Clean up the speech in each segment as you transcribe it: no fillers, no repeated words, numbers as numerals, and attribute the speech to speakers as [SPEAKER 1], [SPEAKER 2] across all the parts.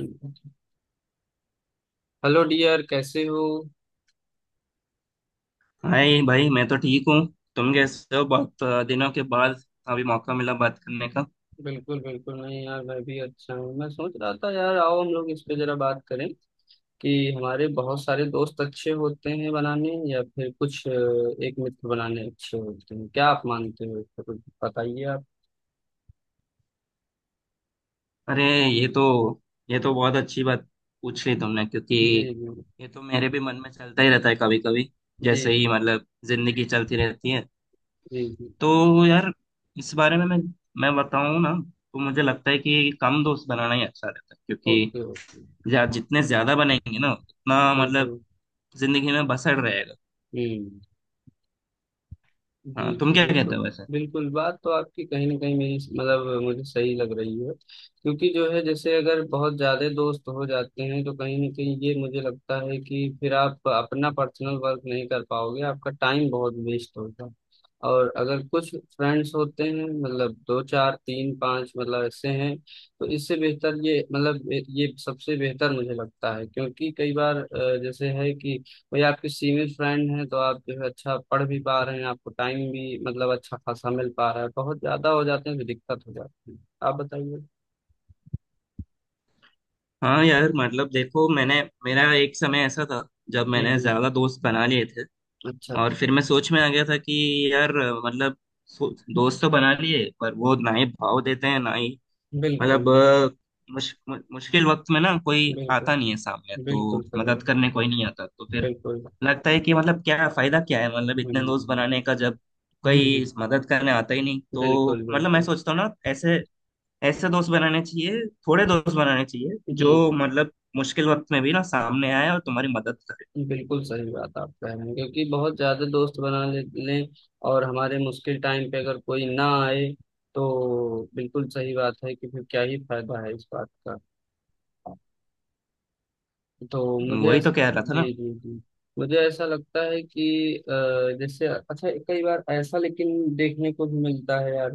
[SPEAKER 1] Hello dear, कैसे हो।
[SPEAKER 2] Hi भाई मैं तो ठीक हूँ। तुम कैसे हो? बहुत दिनों के बाद अभी मौका मिला बात करने का।
[SPEAKER 1] बिल्कुल बिल्कुल नहीं यार, मैं भी अच्छा हूँ। मैं सोच रहा था यार, आओ हम लोग इस पे जरा बात करें कि हमारे बहुत सारे दोस्त अच्छे होते हैं बनाने, या फिर कुछ एक मित्र बनाने अच्छे होते हैं। क्या आप मानते हो इसको? कुछ बताइए आप।
[SPEAKER 2] अरे, ये तो ये तो बहुत अच्छी बात पूछ ली तुमने, क्योंकि
[SPEAKER 1] जी जी।
[SPEAKER 2] ये तो मेरे भी मन में चलता ही रहता है कभी कभी।
[SPEAKER 1] जी
[SPEAKER 2] जैसे ही
[SPEAKER 1] जी।
[SPEAKER 2] मतलब जिंदगी चलती रहती है।
[SPEAKER 1] जी जी।
[SPEAKER 2] तो यार, इस बारे में मैं बताऊँ ना, तो मुझे लगता है कि कम दोस्त बनाना ही अच्छा रहता है, क्योंकि
[SPEAKER 1] ओके ओके।
[SPEAKER 2] जितने ज्यादा बनेंगे ना उतना मतलब
[SPEAKER 1] बिल्कुल।
[SPEAKER 2] जिंदगी में बसड़ रहेगा।
[SPEAKER 1] हम्म। जी
[SPEAKER 2] हाँ, तुम
[SPEAKER 1] जी,
[SPEAKER 2] क्या कहते
[SPEAKER 1] बिल्कुल।
[SPEAKER 2] हो वैसे?
[SPEAKER 1] बिल्कुल बात तो आपकी कहीं ना कहीं मेरी, मतलब मुझे सही लग रही है। क्योंकि जो है, जैसे अगर बहुत ज्यादा दोस्त हो जाते हैं तो कहीं ना कहीं ये मुझे लगता है कि फिर आप अपना पर्सनल वर्क नहीं कर पाओगे, आपका टाइम बहुत वेस्ट होगा। और अगर कुछ फ्रेंड्स होते हैं, मतलब दो चार तीन पांच, मतलब ऐसे हैं, तो इससे बेहतर ये मतलब, ये सबसे बेहतर मुझे लगता है। क्योंकि कई बार जैसे है कि कोई आपके सिविल फ्रेंड है तो आप जो है अच्छा पढ़ भी पा रहे हैं, आपको टाइम भी मतलब अच्छा खासा मिल पा रहा है। बहुत ज्यादा हो जाते हैं तो दिक्कत हो जाती है। आप बताइए।
[SPEAKER 2] हाँ यार, मतलब देखो, मैंने मेरा एक समय ऐसा था जब
[SPEAKER 1] जी
[SPEAKER 2] मैंने
[SPEAKER 1] जी।
[SPEAKER 2] ज्यादा दोस्त बना लिए थे,
[SPEAKER 1] अच्छा
[SPEAKER 2] और
[SPEAKER 1] अच्छा।
[SPEAKER 2] फिर मैं सोच में आ गया था कि यार मतलब दोस्त तो बना लिए, पर वो ना ही भाव देते हैं ना ही मतलब
[SPEAKER 1] बिल्कुल।
[SPEAKER 2] मुश्किल वक्त में ना कोई
[SPEAKER 1] बिल्कुल।
[SPEAKER 2] आता नहीं है सामने, तो
[SPEAKER 1] बिल्कुल सर।
[SPEAKER 2] मदद करने कोई नहीं आता, तो फिर
[SPEAKER 1] बिल्कुल।
[SPEAKER 2] लगता है कि मतलब क्या फायदा क्या है मतलब इतने
[SPEAKER 1] हम्म।
[SPEAKER 2] दोस्त बनाने का जब कोई
[SPEAKER 1] हम्म,
[SPEAKER 2] मदद करने आता ही नहीं। तो
[SPEAKER 1] बिल्कुल
[SPEAKER 2] मतलब मैं
[SPEAKER 1] बिल्कुल।
[SPEAKER 2] सोचता हूँ ना, ऐसे ऐसे दोस्त बनाने चाहिए, थोड़े दोस्त बनाने चाहिए
[SPEAKER 1] जी
[SPEAKER 2] जो मतलब मुश्किल वक्त में भी ना सामने आए और तुम्हारी मदद करे।
[SPEAKER 1] जी, बिल्कुल सही बात आप कह रहे हैं। क्योंकि बहुत ज्यादा दोस्त बना लें और हमारे मुश्किल टाइम पे अगर कोई ना आए तो बिल्कुल सही बात है कि फिर क्या ही फायदा है इस बात का।
[SPEAKER 2] वही तो कह रहा था ना।
[SPEAKER 1] जी जी जी। मुझे ऐसा लगता है कि जैसे अच्छा, कई बार ऐसा लेकिन देखने को भी मिलता है यार,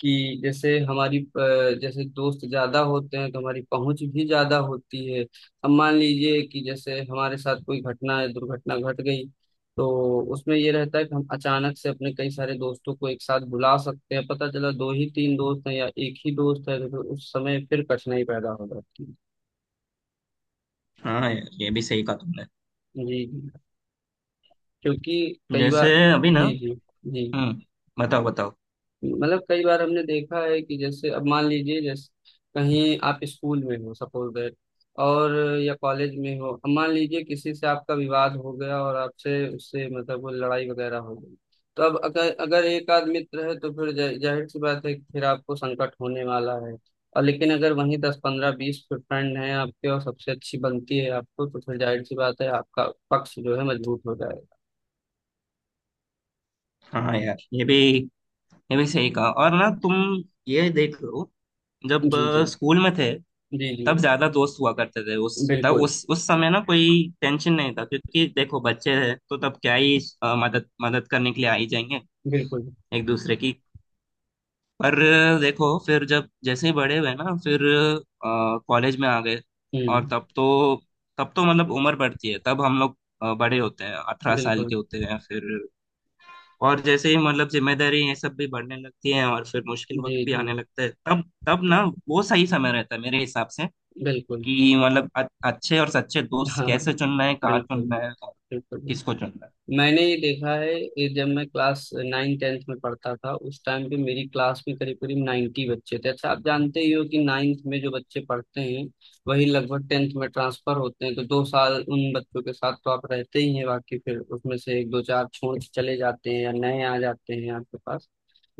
[SPEAKER 1] कि जैसे हमारी जैसे दोस्त ज्यादा होते हैं तो हमारी पहुंच भी ज्यादा होती है। अब मान लीजिए कि जैसे हमारे साथ कोई घटना या दुर्घटना घट गई, तो उसमें ये रहता है कि हम अचानक से अपने कई सारे दोस्तों को एक साथ बुला सकते हैं। पता चला दो ही तीन दोस्त हैं या एक ही दोस्त है, तो फिर उस समय फिर कठिनाई पैदा हो जाती है।
[SPEAKER 2] हाँ यार, ये भी सही कहा तुमने।
[SPEAKER 1] जी जी। क्योंकि कई
[SPEAKER 2] जैसे
[SPEAKER 1] बार।
[SPEAKER 2] अभी ना,
[SPEAKER 1] जी जी। जी
[SPEAKER 2] हम्म, बताओ बताओ।
[SPEAKER 1] मतलब कई बार हमने देखा है कि जैसे अब मान लीजिए, जैसे कहीं आप स्कूल में हो, सपोज दैट, और या कॉलेज में हो, अब मान लीजिए किसी से आपका विवाद हो गया और आपसे उससे मतलब वो लड़ाई वगैरह हो गई। तो अब अगर अगर एक आध मित्र है तो फिर जाहिर सी बात है कि फिर आपको संकट होने वाला है। और लेकिन अगर वहीं दस पंद्रह बीस फ्रेंड हैं आपके और सबसे अच्छी बनती है आपको तो फिर जाहिर सी बात है आपका पक्ष जो है मजबूत हो जाएगा।
[SPEAKER 2] हाँ यार, ये भी सही कहा, और ना तुम ये देख लो। जब
[SPEAKER 1] जी जी।
[SPEAKER 2] स्कूल में थे,
[SPEAKER 1] जी जी।
[SPEAKER 2] तब ज्यादा दोस्त हुआ करते थे। उस तब
[SPEAKER 1] बिल्कुल।
[SPEAKER 2] उस समय ना कोई टेंशन नहीं था, क्योंकि देखो बच्चे हैं तो तब क्या ही मदद मदद करने के लिए आ ही जाएंगे
[SPEAKER 1] बिल्कुल।
[SPEAKER 2] एक दूसरे की। पर देखो, फिर जब जैसे ही बड़े हुए ना, फिर कॉलेज में आ गए। और
[SPEAKER 1] हम्म।
[SPEAKER 2] तब तो मतलब उम्र बढ़ती है, तब हम लोग बड़े होते हैं, 18 साल
[SPEAKER 1] बिल्कुल।
[SPEAKER 2] के होते हैं फिर, और जैसे ही मतलब जिम्मेदारी ये सब भी बढ़ने लगती है, और फिर मुश्किल वक्त
[SPEAKER 1] जी
[SPEAKER 2] भी
[SPEAKER 1] जी,
[SPEAKER 2] आने लगता है। तब तब ना वो सही समय रहता है मेरे हिसाब से,
[SPEAKER 1] बिल्कुल।
[SPEAKER 2] कि मतलब अच्छे और सच्चे दोस्त
[SPEAKER 1] हाँ हाँ,
[SPEAKER 2] कैसे चुनना है, कहाँ
[SPEAKER 1] बिल्कुल।
[SPEAKER 2] चुनना है, और
[SPEAKER 1] बिल्कुल
[SPEAKER 2] किसको
[SPEAKER 1] बिल्कुल।
[SPEAKER 2] चुनना है।
[SPEAKER 1] मैंने ये देखा है। ये जब मैं क्लास नाइन टेंथ में पढ़ता था, उस टाइम पे मेरी क्लास में करीब करीब 90 बच्चे थे। अच्छा, आप जानते ही हो कि नाइन्थ में जो बच्चे पढ़ते हैं वही लगभग टेंथ में ट्रांसफर होते हैं। तो दो साल उन बच्चों के साथ तो आप रहते ही हैं, बाकी फिर उसमें से एक दो चार छोड़ के चले जाते हैं या नए आ जाते हैं आपके पास।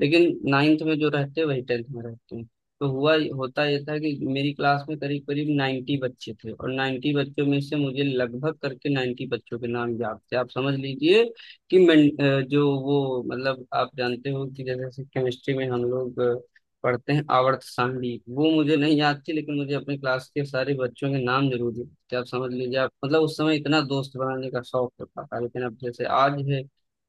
[SPEAKER 1] लेकिन नाइन्थ में जो रहते हैं वही टेंथ में रहते हैं। तो हुआ होता यह था कि मेरी क्लास में करीब करीब 90 बच्चे थे, और 90 बच्चों में से मुझे लगभग करके 90 बच्चों के नाम याद थे। आप समझ लीजिए कि मैं जो वो मतलब, आप जानते हो कि जैसे केमिस्ट्री में हम लोग पढ़ते हैं आवर्त सारणी, वो मुझे नहीं याद थी, लेकिन मुझे अपने क्लास के सारे बच्चों के नाम जरूर याद थे। आप समझ लीजिए, आप मतलब उस समय इतना दोस्त बनाने का शौक होता था, लेकिन अब जैसे आज है,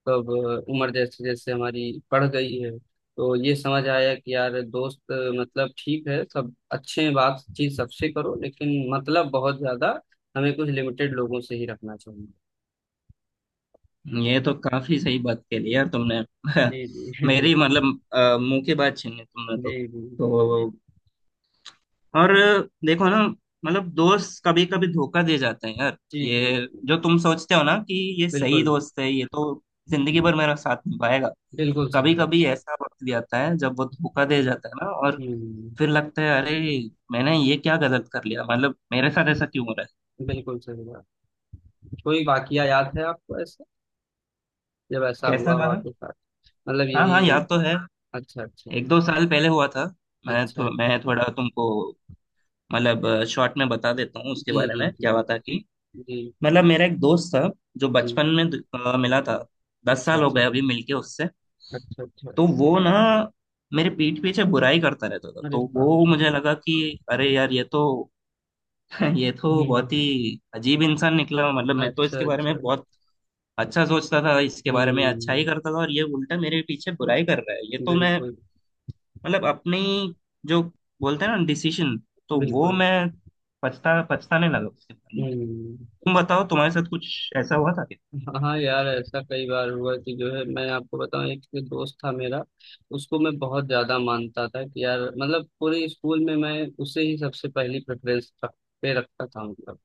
[SPEAKER 1] तो अब उम्र जैसे जैसे हमारी बढ़ गई है तो ये समझ आया कि यार दोस्त मतलब ठीक है सब अच्छे हैं, बातचीत सबसे करो, लेकिन मतलब बहुत ज्यादा, हमें कुछ लिमिटेड लोगों से ही रखना चाहिए।
[SPEAKER 2] ये तो काफी सही बात कह ली यार तुमने
[SPEAKER 1] जी जी
[SPEAKER 2] मेरी मतलब मुंह की बात छीन ली तुमने
[SPEAKER 1] जी
[SPEAKER 2] तो।
[SPEAKER 1] जी।
[SPEAKER 2] तो और देखो ना, मतलब दोस्त कभी कभी धोखा दे जाते हैं यार।
[SPEAKER 1] जी जी।
[SPEAKER 2] ये
[SPEAKER 1] जी।
[SPEAKER 2] जो तुम सोचते हो ना कि ये सही
[SPEAKER 1] बिल्कुल।
[SPEAKER 2] दोस्त है, ये तो जिंदगी भर मेरा साथ निभाएगा,
[SPEAKER 1] बिल्कुल सही
[SPEAKER 2] कभी
[SPEAKER 1] बात
[SPEAKER 2] कभी
[SPEAKER 1] है।
[SPEAKER 2] ऐसा वक्त भी आता है जब वो धोखा दे जाता है ना, और
[SPEAKER 1] हम्म।
[SPEAKER 2] फिर लगता है, अरे, मैंने ये क्या गलत कर लिया, मतलब मेरे साथ ऐसा क्यों हो रहा।
[SPEAKER 1] बिल्कुल सही बात। कोई वाकया याद है आपको ऐसा, जब
[SPEAKER 2] है
[SPEAKER 1] ऐसा
[SPEAKER 2] कैसा
[SPEAKER 1] हुआ हो
[SPEAKER 2] माना?
[SPEAKER 1] आपके साथ? मतलब
[SPEAKER 2] हाँ हाँ,
[SPEAKER 1] यही।
[SPEAKER 2] याद तो है।
[SPEAKER 1] अच्छा अच्छा।
[SPEAKER 2] एक दो साल पहले हुआ था।
[SPEAKER 1] अच्छा।
[SPEAKER 2] मैं थोड़ा तुमको मतलब शॉर्ट में बता देता हूँ उसके
[SPEAKER 1] जी
[SPEAKER 2] बारे
[SPEAKER 1] जी।
[SPEAKER 2] में
[SPEAKER 1] जी
[SPEAKER 2] क्या हुआ था कि
[SPEAKER 1] जी। जी
[SPEAKER 2] मतलब मेरा एक दोस्त था, जो
[SPEAKER 1] जी।
[SPEAKER 2] बचपन में मिला था। दस
[SPEAKER 1] अच्छा
[SPEAKER 2] साल हो गए
[SPEAKER 1] अच्छा।
[SPEAKER 2] अभी मिलके उससे।
[SPEAKER 1] अच्छा अच्छा।
[SPEAKER 2] तो वो ना मेरे पीठ पीछे बुराई करता रहता था,
[SPEAKER 1] अरे
[SPEAKER 2] तो
[SPEAKER 1] बाप
[SPEAKER 2] वो
[SPEAKER 1] रे।
[SPEAKER 2] मुझे लगा कि अरे यार, ये तो ये तो
[SPEAKER 1] हम्म।
[SPEAKER 2] बहुत ही अजीब इंसान निकला। मतलब मैं तो
[SPEAKER 1] अच्छा
[SPEAKER 2] इसके बारे में
[SPEAKER 1] अच्छा।
[SPEAKER 2] बहुत अच्छा सोचता था, इसके बारे में अच्छा ही
[SPEAKER 1] हम्म।
[SPEAKER 2] करता था, और ये उल्टा मेरे पीछे बुराई कर रहा है। ये तो मैं
[SPEAKER 1] बिल्कुल।
[SPEAKER 2] मतलब अपनी, जो बोलते हैं ना, डिसीजन, तो वो
[SPEAKER 1] बिल्कुल।
[SPEAKER 2] मैं पछताने लगा उसके बाद में।
[SPEAKER 1] हम्म।
[SPEAKER 2] तुम बताओ, तुम्हारे साथ कुछ ऐसा हुआ था?
[SPEAKER 1] हाँ यार, ऐसा कई बार हुआ कि जो है, मैं आपको बताऊं, एक दोस्त था मेरा, उसको मैं बहुत ज्यादा मानता था कि यार मतलब पूरे स्कूल में मैं उसे ही सबसे पहली प्रेफरेंस पे रखता था मतलब।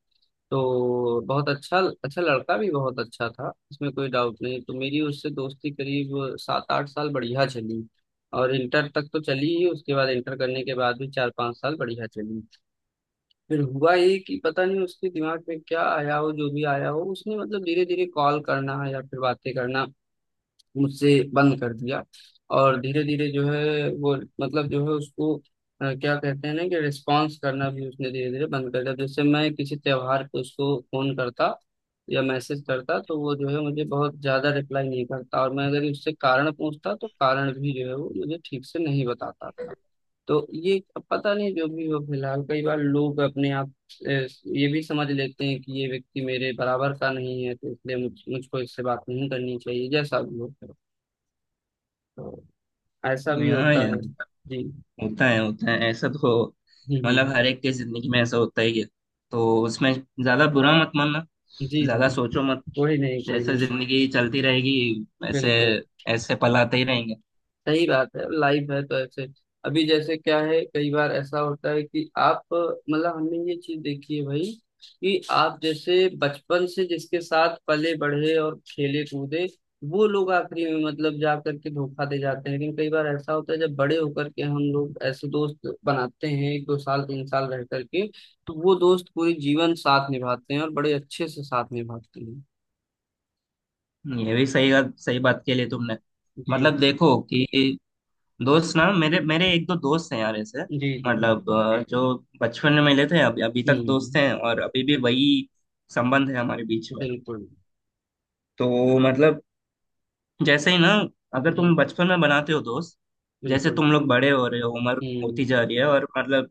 [SPEAKER 1] तो बहुत अच्छा, अच्छा लड़का भी बहुत अच्छा था, इसमें कोई डाउट नहीं। तो मेरी उससे दोस्ती करीब सात आठ साल बढ़िया चली, और इंटर तक तो चली ही, उसके बाद इंटर करने के बाद भी चार पांच साल बढ़िया चली। फिर हुआ ये कि पता नहीं उसके दिमाग में क्या आया हो, जो भी आया हो, उसने मतलब धीरे धीरे कॉल करना या फिर बातें करना मुझसे बंद कर दिया। और धीरे धीरे जो है वो मतलब जो है उसको क्या कहते हैं ना कि रिस्पॉन्स करना भी उसने धीरे धीरे बंद कर दिया। जैसे मैं किसी त्योहार पे उसको फोन करता या मैसेज करता तो वो जो है मुझे बहुत ज्यादा रिप्लाई नहीं करता, और मैं अगर उससे कारण पूछता तो कारण भी जो है वो मुझे ठीक से नहीं बताता था। तो ये पता नहीं जो भी हो, फिलहाल कई बार लोग अपने आप ये भी समझ लेते हैं कि ये व्यक्ति मेरे बराबर का नहीं है तो इसलिए मुझको इससे बात नहीं करनी चाहिए, जैसा भी हो। तो ऐसा भी
[SPEAKER 2] क्या हाँ
[SPEAKER 1] होता
[SPEAKER 2] यार,
[SPEAKER 1] है। जी
[SPEAKER 2] होता है ऐसा तो,
[SPEAKER 1] हम्म,
[SPEAKER 2] मतलब
[SPEAKER 1] हम्म,
[SPEAKER 2] हर एक की जिंदगी में ऐसा होता ही है। तो उसमें ज्यादा बुरा मत मानना,
[SPEAKER 1] जी जी।
[SPEAKER 2] ज्यादा सोचो मत।
[SPEAKER 1] कोई नहीं कोई
[SPEAKER 2] जैसे
[SPEAKER 1] नहीं।
[SPEAKER 2] जिंदगी चलती रहेगी, ऐसे
[SPEAKER 1] बिल्कुल
[SPEAKER 2] ऐसे पल आते ही रहेंगे।
[SPEAKER 1] सही बात है, लाइव है तो ऐसे। अभी जैसे क्या है, कई बार ऐसा होता है कि आप मतलब, हमने ये चीज देखी है भाई, कि आप जैसे बचपन से जिसके साथ पले बढ़े और खेले कूदे, वो लोग आखिरी में मतलब जा करके धोखा दे जाते हैं, लेकिन कई बार ऐसा होता है जब बड़े होकर के हम लोग ऐसे दोस्त बनाते हैं एक दो साल तीन साल रह करके, तो वो दोस्त पूरे जीवन साथ निभाते हैं और बड़े अच्छे से साथ निभाते हैं।
[SPEAKER 2] ये भी सही बात, सही बात के लिए तुमने
[SPEAKER 1] जी
[SPEAKER 2] मतलब देखो कि दोस्त ना, मेरे मेरे एक दो दोस्त हैं यार ऐसे,
[SPEAKER 1] जी। जी।
[SPEAKER 2] मतलब जो बचपन में मिले थे, अभी अभी तक दोस्त
[SPEAKER 1] हम्म।
[SPEAKER 2] हैं, और अभी भी वही संबंध है हमारे बीच में।
[SPEAKER 1] बिल्कुल।
[SPEAKER 2] तो मतलब जैसे ही ना, अगर तुम
[SPEAKER 1] जी।
[SPEAKER 2] बचपन में बनाते हो दोस्त, जैसे
[SPEAKER 1] बिल्कुल।
[SPEAKER 2] तुम लोग बड़े हो रहे हो, उम्र होती
[SPEAKER 1] हम्म।
[SPEAKER 2] जा रही है, और मतलब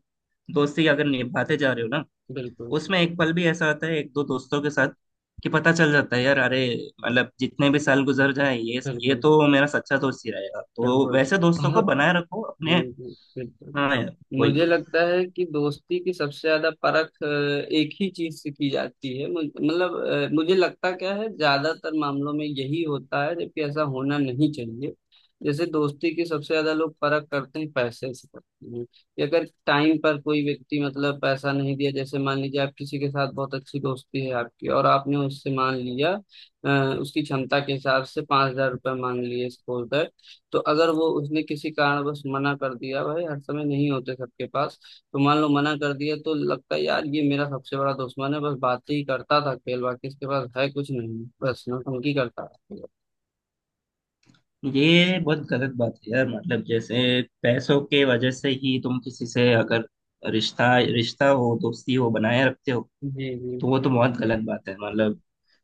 [SPEAKER 2] दोस्ती अगर निभाते जा रहे हो ना,
[SPEAKER 1] बिल्कुल।
[SPEAKER 2] उसमें एक पल भी ऐसा आता है एक दो दोस्तों के साथ कि पता चल जाता है यार, अरे, मतलब जितने भी साल गुजर जाए, ये
[SPEAKER 1] बिल्कुल।
[SPEAKER 2] तो मेरा सच्चा दोस्त ही रहेगा, तो
[SPEAKER 1] बिल्कुल
[SPEAKER 2] वैसे दोस्तों को
[SPEAKER 1] बहुत।
[SPEAKER 2] बनाए रखो
[SPEAKER 1] जी
[SPEAKER 2] अपने।
[SPEAKER 1] जी, बिल्कुल।
[SPEAKER 2] हाँ यार, वही
[SPEAKER 1] मुझे
[SPEAKER 2] तो।
[SPEAKER 1] लगता है कि दोस्ती की सबसे ज्यादा परख एक ही चीज से की जाती है। मतलब मुझे लगता क्या है, ज्यादातर मामलों में यही होता है जबकि ऐसा होना नहीं चाहिए। जैसे दोस्ती की सबसे ज्यादा लोग परख करते हैं पैसे से करते हैं। कि अगर टाइम पर कोई व्यक्ति मतलब पैसा नहीं दिया, जैसे मान लीजिए आप किसी के साथ बहुत अच्छी दोस्ती है आपकी और आपने उससे मान लिया अ, उसकी क्षमता के हिसाब से पांच हजार रुपये मांग लिए सपोज। तो अगर वो उसने किसी कारणवश मना कर दिया, भाई हर समय नहीं होते सबके पास, तो मान लो मना कर दिया तो लगता है यार ये मेरा सबसे बड़ा दुश्मन है, बस बातें ही करता था, खेल बाकी इसके पास है कुछ नहीं, बस नौटंकी करता था।
[SPEAKER 2] तो ये बहुत गलत बात है यार, मतलब जैसे पैसों के वजह से ही तुम किसी से अगर रिश्ता रिश्ता हो, दोस्ती हो, बनाए रखते हो,
[SPEAKER 1] जी जी।
[SPEAKER 2] तो वो तो बहुत गलत बात है। मतलब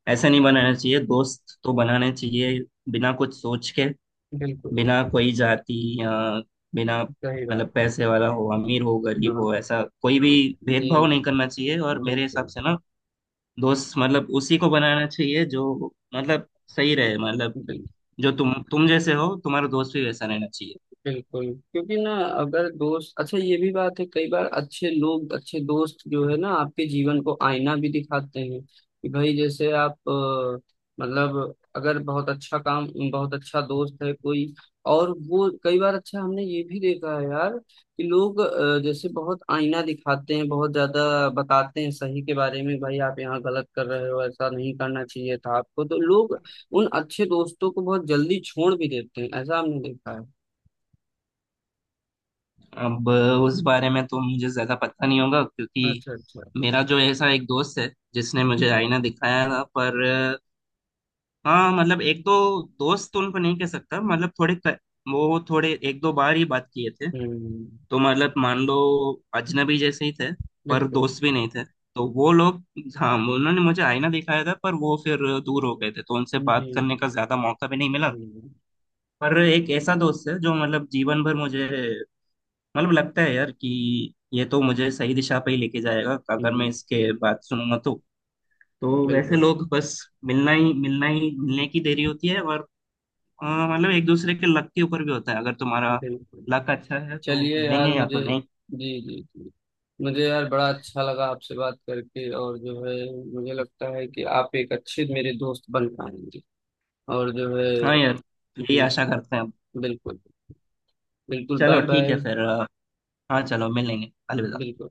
[SPEAKER 2] ऐसा नहीं बनाना चाहिए, दोस्त तो बनाने चाहिए बिना कुछ सोच के,
[SPEAKER 1] बिल्कुल
[SPEAKER 2] बिना कोई जाति, या बिना
[SPEAKER 1] सही बात।
[SPEAKER 2] मतलब पैसे वाला हो, अमीर हो, गरीब
[SPEAKER 1] हाँ,
[SPEAKER 2] हो, ऐसा कोई भी
[SPEAKER 1] जी।
[SPEAKER 2] भेदभाव नहीं करना चाहिए। और मेरे हिसाब
[SPEAKER 1] बिल्कुल।
[SPEAKER 2] से ना, दोस्त मतलब उसी को बनाना चाहिए जो मतलब सही रहे, मतलब
[SPEAKER 1] बिल्कुल।
[SPEAKER 2] जो तुम जैसे हो, तुम्हारा दोस्त भी वैसा रहना चाहिए।
[SPEAKER 1] बिल्कुल। क्योंकि ना, अगर दोस्त अच्छा, ये भी बात है, कई बार अच्छे लोग अच्छे दोस्त जो है ना आपके जीवन को आईना भी दिखाते हैं कि भाई, जैसे आप मतलब अगर बहुत अच्छा काम, बहुत अच्छा दोस्त है कोई, और वो कई बार अच्छा, हमने ये भी देखा है यार, कि लोग जैसे बहुत आईना दिखाते हैं, बहुत ज्यादा बताते हैं सही के बारे में, भाई आप यहाँ गलत कर रहे हो, ऐसा नहीं करना चाहिए था आपको, तो लोग उन अच्छे दोस्तों को बहुत जल्दी छोड़ भी देते हैं, ऐसा हमने देखा है।
[SPEAKER 2] अब उस बारे में तो मुझे ज्यादा पता नहीं होगा, क्योंकि
[SPEAKER 1] अच्छा अच्छा।
[SPEAKER 2] मेरा जो ऐसा एक दोस्त है, जिसने मुझे आईना दिखाया था, पर हाँ, मतलब एक दो दोस्त तो उनको नहीं कह सकता, मतलब थोड़े वो थोड़े एक दो बार ही बात किए थे।
[SPEAKER 1] हम्म।
[SPEAKER 2] तो मतलब मान लो अजनबी जैसे ही थे, पर
[SPEAKER 1] बिल्कुल।
[SPEAKER 2] दोस्त भी नहीं थे। तो वो लोग, हाँ, उन्होंने मुझे आईना दिखाया था, पर वो फिर दूर हो गए थे, तो उनसे
[SPEAKER 1] जी।
[SPEAKER 2] बात करने का ज्यादा मौका भी नहीं मिला।
[SPEAKER 1] हम्म।
[SPEAKER 2] पर एक ऐसा दोस्त है जो मतलब जीवन भर मुझे, मतलब लगता है यार कि ये तो मुझे सही दिशा पे ही लेके जाएगा अगर मैं
[SPEAKER 1] हम्म,
[SPEAKER 2] इसके बात सुनूंगा तो। तो वैसे
[SPEAKER 1] बिल्कुल।
[SPEAKER 2] लोग बस मिलना ही मिलने की देरी होती है, और मतलब एक दूसरे के लक के ऊपर भी होता है। अगर तुम्हारा
[SPEAKER 1] बिल्कुल।
[SPEAKER 2] लक अच्छा है तो
[SPEAKER 1] चलिए
[SPEAKER 2] मिलेंगे,
[SPEAKER 1] यार,
[SPEAKER 2] या तो
[SPEAKER 1] मुझे।
[SPEAKER 2] नहीं।
[SPEAKER 1] जी जी जी। मुझे यार बड़ा अच्छा लगा आपसे बात करके, और जो है मुझे लगता है कि आप एक अच्छे मेरे दोस्त बन पाएंगे, और जो है।
[SPEAKER 2] हाँ यार, यही
[SPEAKER 1] जी।
[SPEAKER 2] आशा करते हैं।
[SPEAKER 1] बिल्कुल। बिल्कुल
[SPEAKER 2] चलो
[SPEAKER 1] बाय
[SPEAKER 2] ठीक है,
[SPEAKER 1] बाय।
[SPEAKER 2] फिर हाँ चलो, मिलेंगे, अलविदा।
[SPEAKER 1] बिल्कुल।